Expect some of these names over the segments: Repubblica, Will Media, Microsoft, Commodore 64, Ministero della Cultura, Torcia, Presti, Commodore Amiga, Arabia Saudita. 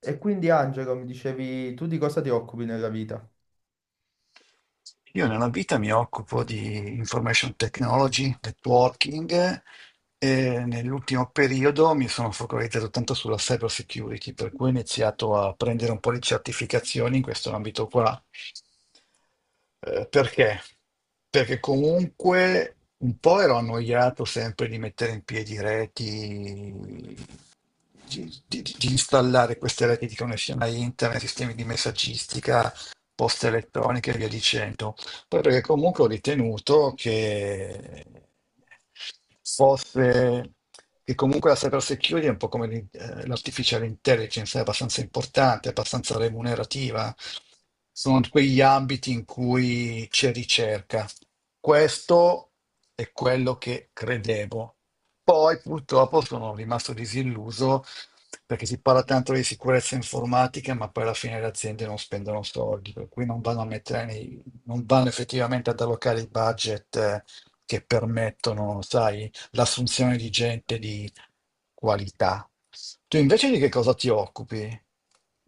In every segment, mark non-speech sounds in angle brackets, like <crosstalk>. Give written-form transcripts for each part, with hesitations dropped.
E quindi Angelo, mi dicevi, tu di cosa ti occupi nella vita? Io nella vita mi occupo di information technology, networking e nell'ultimo periodo mi sono focalizzato tanto sulla cyber security, per cui ho iniziato a prendere un po' di certificazioni in questo ambito qua. Perché? Perché comunque un po' ero annoiato sempre di mettere in piedi reti, di installare queste reti di connessione a internet, sistemi di messaggistica, poste elettroniche e via dicendo. Poi perché comunque ho ritenuto che fosse che comunque la cyber security è un po' come l'artificial intelligence, è abbastanza importante, è abbastanza remunerativa. Sono quegli ambiti in cui c'è ricerca. Questo è quello che credevo. Poi purtroppo sono rimasto disilluso perché si parla tanto di sicurezza informatica, ma poi alla fine le aziende non spendono soldi, per cui non vanno a mettere nei, non vanno effettivamente ad allocare i budget che permettono, sai, l'assunzione di gente di qualità. Tu invece di che cosa ti occupi?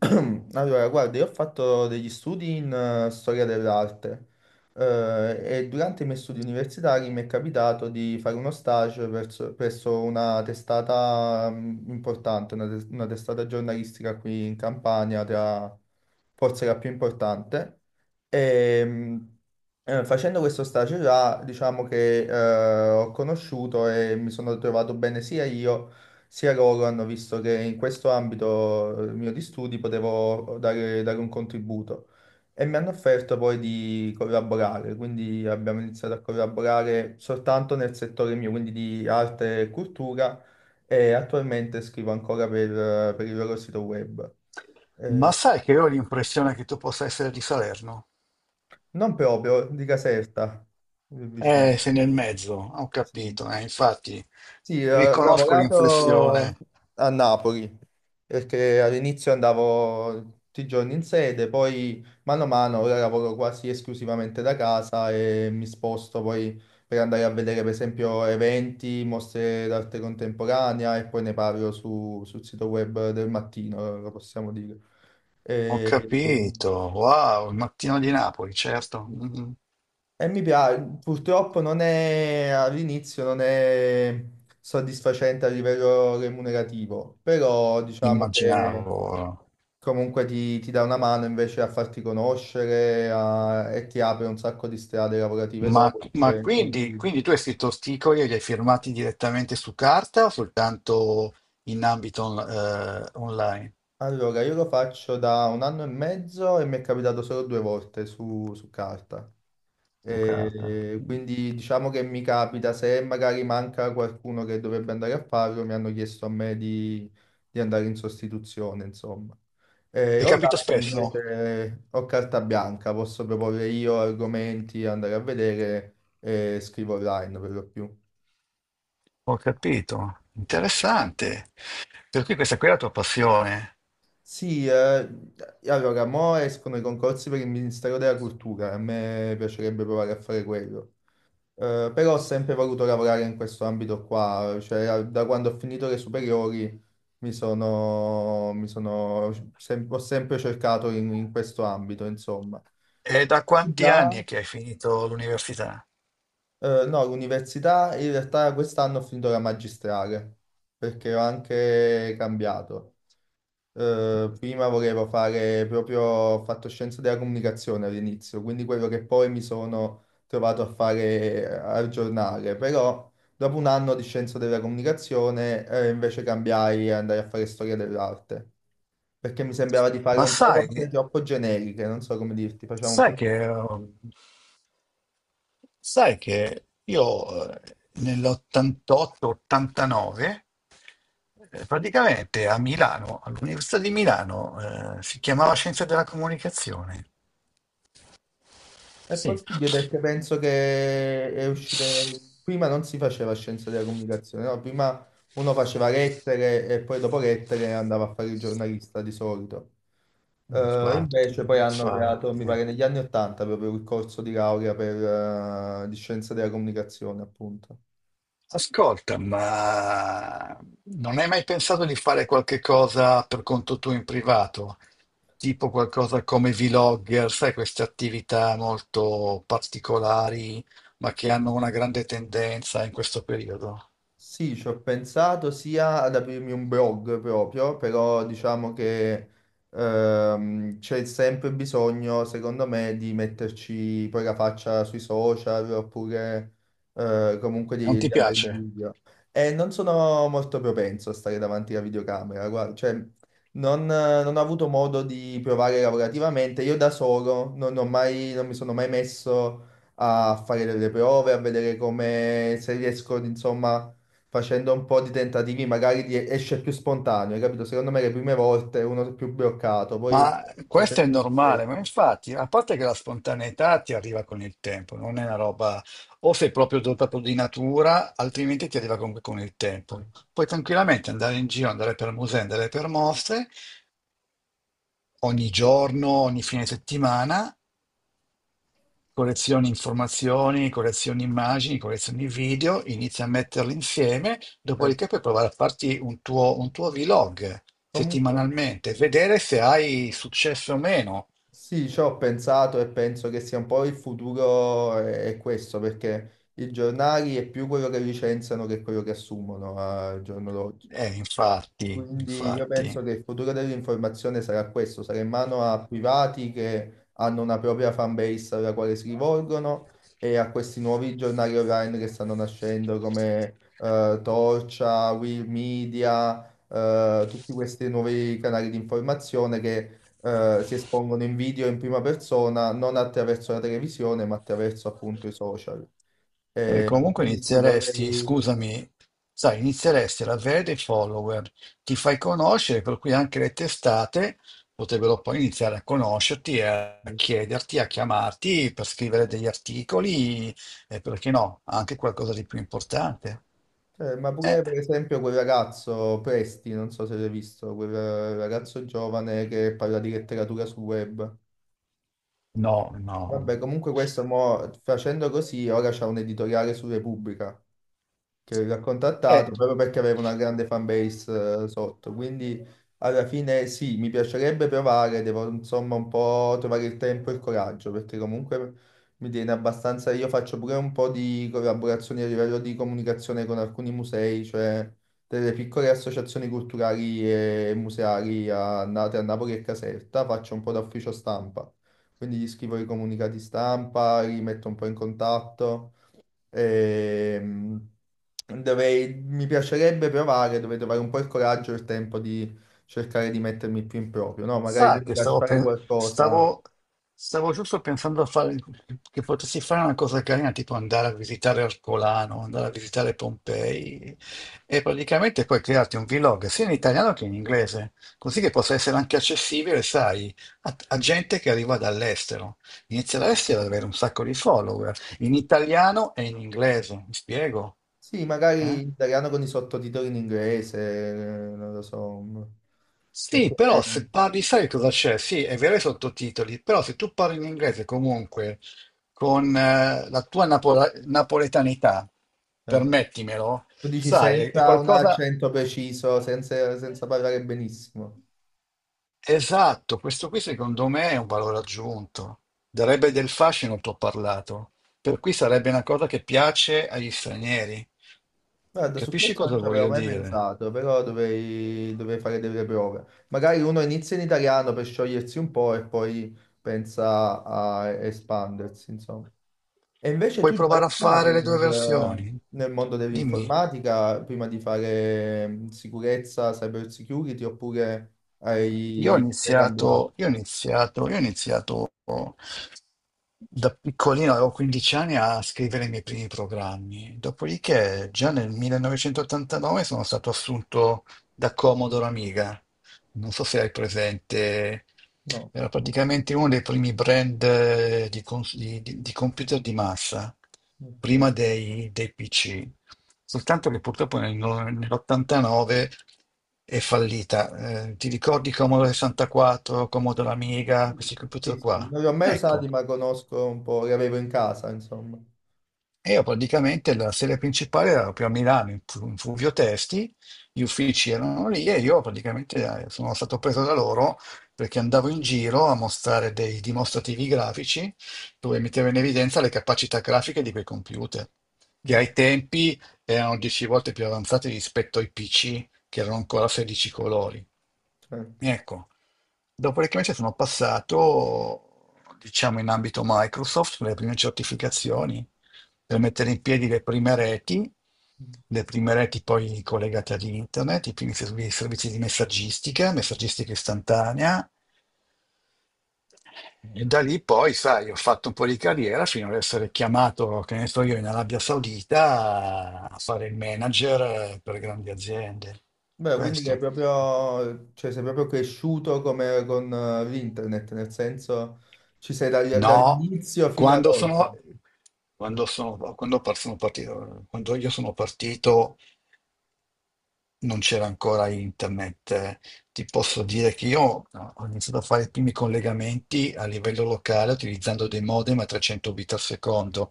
<clears throat> Allora, guarda, io ho fatto degli studi in storia dell'arte e durante i miei studi universitari mi è capitato di fare uno stage presso una testata importante, una testata giornalistica qui in Campania, tra, forse la più importante. E, Facendo questo stage là, diciamo che ho conosciuto e mi sono trovato bene sia io sia loro, hanno visto che in questo ambito mio di studi potevo dare un contributo e mi hanno offerto poi di collaborare, quindi abbiamo iniziato a collaborare soltanto nel settore mio, quindi di arte e cultura e attualmente scrivo ancora per il loro sito web. Ma Eh, sai che io ho l'impressione che tu possa essere di Salerno? Non proprio, di Caserta, vicino. Sei nel mezzo, ho Sì. capito, infatti Sì, ho riconosco lavorato l'inflessione. a Napoli perché all'inizio andavo tutti i giorni in sede, poi mano a mano ora lavoro quasi esclusivamente da casa e mi sposto poi per andare a vedere per esempio eventi, mostre d'arte contemporanea e poi ne parlo sul sito web del mattino, lo possiamo dire. Ho E- e- capito, wow, il mattino di Napoli, certo, mhm. E mi piace, purtroppo non è all'inizio non è soddisfacente a livello remunerativo, però diciamo che Immaginavo. comunque ti dà una mano invece a farti conoscere e ti apre un sacco di strade lavorative dopo. Perché Quindi, quindi tu hai scritto sticoli e li hai firmati direttamente su carta o soltanto in ambito online? allora, io lo faccio da un anno e mezzo e mi è capitato solo due volte su carta. Su carta. E quindi diciamo che mi capita, se magari manca qualcuno che dovrebbe andare a farlo, mi hanno chiesto a me di andare in sostituzione, insomma. E Hai capito online spesso? invece ho carta bianca, posso proporre io argomenti, andare a vedere e scrivo online per lo più. Ho capito. Interessante. Per cui questa qui è la tua passione. Sì, allora, mo escono i concorsi per il Ministero della Cultura, a me piacerebbe provare a fare quello. Però ho sempre voluto lavorare in questo ambito qua, cioè da quando ho finito le superiori ho sempre cercato in questo ambito, insomma. È da quanti Già, anni è che hai finito l'università? No, l'università in realtà quest'anno ho finito la magistrale perché ho anche cambiato. Prima volevo fare proprio, ho fatto scienze della comunicazione all'inizio, quindi quello che poi mi sono trovato a fare al giornale, però dopo un anno di scienze della comunicazione invece cambiai e andai a fare storia dell'arte, perché mi sembrava di fare Ma un po' sai, cose troppo generiche, non so come dirti, facciamo un sai po'. che, eh, sai che io nell'88-89 praticamente a Milano, all'Università di Milano, si chiamava Scienze della Comunicazione. È Sì. possibile perché penso che è uscita. Prima non si faceva scienza della comunicazione, no? Prima uno faceva lettere e poi dopo lettere andava a fare il giornalista di solito. Infatti, Invece poi hanno creato, mi infatti. pare negli anni Ottanta, proprio il corso di laurea di scienza della comunicazione, appunto. Ascolta, ma non hai mai pensato di fare qualche cosa per conto tuo in privato? Tipo qualcosa come vlogger, sai, queste attività molto particolari, ma che hanno una grande tendenza in questo periodo? Sì, ci ho pensato sia ad aprirmi un blog proprio, però diciamo che c'è sempre bisogno, secondo me, di metterci poi la faccia sui social oppure comunque Non ti di andare in piace? video. E non sono molto propenso a stare davanti alla videocamera, guarda, cioè non ho avuto modo di provare lavorativamente. Io da solo non mi sono mai messo a fare delle prove, a vedere come se riesco, insomma facendo un po' di tentativi, magari esce più spontaneo, hai capito? Secondo me le prime volte uno è più bloccato, poi Ma questo è facendo lo stesso. normale, ma infatti, a parte che la spontaneità ti arriva con il tempo, non è una roba, o sei proprio dotato di natura, altrimenti ti arriva comunque con il tempo. Puoi tranquillamente andare in giro, andare per musei, andare per mostre, ogni giorno, ogni fine settimana, collezioni informazioni, collezioni immagini, collezioni video, inizia a metterli insieme, Eh, dopodiché puoi provare a farti un tuo vlog Comunque settimanalmente, vedere se hai successo o meno. sì, ci ho pensato e penso che sia un po' il futuro è questo, perché i giornali è più quello che licenziano che quello che assumono al giorno d'oggi. Infatti, Quindi io infatti. penso che il futuro dell'informazione sarà questo, sarà in mano a privati che hanno una propria fanbase alla quale si rivolgono e a questi nuovi giornali online che stanno nascendo come Torcia, Will Media, tutti questi nuovi canali di informazione che si espongono in video in prima persona, non attraverso la televisione, ma attraverso appunto i social. Perché E comunque quindi sì, inizieresti, vorrei. scusami, sai, inizieresti ad avere dei follower, ti fai conoscere, per cui anche le testate potrebbero poi iniziare a conoscerti, e a chiederti, a chiamarti per scrivere degli articoli e perché no, anche qualcosa di più importante. Ma Eh, pure per esempio quel ragazzo Presti, non so se l'hai visto, quel ragazzo giovane che parla di letteratura sul web. no, no. Vabbè, comunque questo mo, facendo così, ora c'è un editoriale su Repubblica che aveva Eh, contattato proprio perché aveva una grande fanbase sotto. Quindi alla fine sì, mi piacerebbe provare, devo insomma un po' trovare il tempo e il coraggio, perché comunque mi tiene abbastanza. Io faccio pure un po' di collaborazioni a livello di comunicazione con alcuni musei, cioè delle piccole associazioni culturali e museali a, nate a Napoli e Caserta, faccio un po' da ufficio stampa. Quindi gli scrivo i comunicati stampa, li metto un po' in contatto. Ehm, Mi piacerebbe provare, dovrei trovare un po' il coraggio e il tempo di cercare di mettermi più in proprio, no? Magari sa quindi che lasciare qualcosa. Stavo giusto pensando a fare, che potessi fare una cosa carina, tipo andare a visitare Ercolano, andare a visitare Pompei e praticamente poi crearti un vlog sia in italiano che in inglese, così che possa essere anche accessibile, sai, a gente che arriva dall'estero. Inizia l'estero ad avere un sacco di follower, in italiano e in inglese, mi spiego? Sì, magari Eh? in italiano con i sottotitoli in inglese, non lo so. Sì, Perché, però se parli, sai cosa c'è? Sì, è vero i sottotitoli, però se tu parli in inglese comunque con la tua napoletanità, eh, permettimelo, tu dici sai, è senza un qualcosa accento preciso, senza parlare benissimo. esatto. Questo qui secondo me è un valore aggiunto, darebbe del fascino al tuo parlato, per cui sarebbe una cosa che piace agli stranieri. Guarda, su Capisci questo non cosa ci avevo voglio mai dire? pensato, però dovrei fare delle prove. Magari uno inizia in italiano per sciogliersi un po' e poi pensa a espandersi, insomma. E invece Puoi tu già provare a fare lavoravi le due versioni? nel mondo Dimmi. dell'informatica prima di fare sicurezza, cyber security, oppure hai cambiato? Io ho iniziato da piccolino, avevo 15 anni a scrivere i miei primi programmi. Dopodiché, già nel 1989 sono stato assunto da Commodore Amiga. Non so se hai presente, No. era praticamente uno dei primi brand di, di computer di massa, Ok. prima dei PC. Soltanto che purtroppo nel no- nell'89 è fallita. Ti ricordi Commodore 64, Commodore Amiga, Sì, questi sì, computer sì, qua? non li ho mai usati, Ecco, ma conosco un po', li avevo in casa, insomma. e io praticamente la sede principale era proprio a Milano, in Fulvio Testi, gli uffici erano lì e io praticamente sono stato preso da loro perché andavo in giro a mostrare dei dimostrativi grafici dove mettevo in evidenza le capacità grafiche di quei computer, che Mm, ai tempi erano 10 volte più avanzati rispetto ai PC, che erano ancora 16 colori. certo. Ecco, dopodiché invece sono passato, diciamo, in ambito Microsoft per le prime certificazioni, per mettere in piedi le prime reti poi collegate ad internet, i primi servizi di messaggistica, messaggistica istantanea, e da lì poi, sai, ho fatto un po' di carriera fino ad essere chiamato, che ne so io, in Arabia Saudita a fare il manager per grandi aziende. Beh, quindi che è Questo. proprio, cioè, sei proprio cresciuto come con l'internet, nel senso ci sei No, dall'inizio fino ad quando oggi. sono, quando sono, quando par- sono partito, quando io sono partito non c'era ancora internet. Eh. Ti posso dire che io no, ho iniziato a fare i primi collegamenti a livello locale utilizzando dei modem a 300 bit al secondo.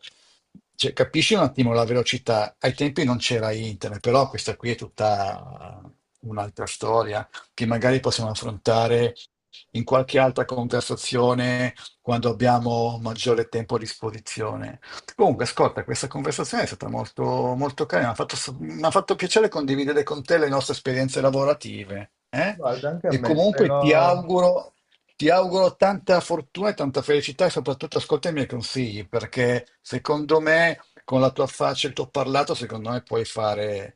Cioè, capisci un attimo la velocità? Ai tempi non c'era internet, però questa qui è tutta un'altra storia che magari possiamo affrontare in qualche altra conversazione quando abbiamo maggiore tempo a disposizione. Comunque, ascolta, questa conversazione è stata molto, molto carina, mi ha fatto piacere condividere con te le nostre esperienze lavorative, eh? Guarda, anche a E me, comunque spero, ti auguro tanta fortuna e tanta felicità e soprattutto ascolta i miei consigli, perché secondo me, con la tua faccia e il tuo parlato, secondo me puoi fare,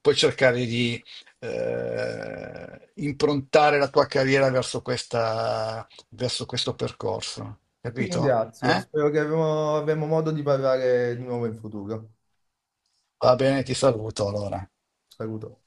puoi cercare di improntare la tua carriera verso questa, verso questo percorso, ti capito? ringrazio, Eh? spero che avremo modo di parlare di nuovo in futuro. Va bene, ti saluto allora. Saluto.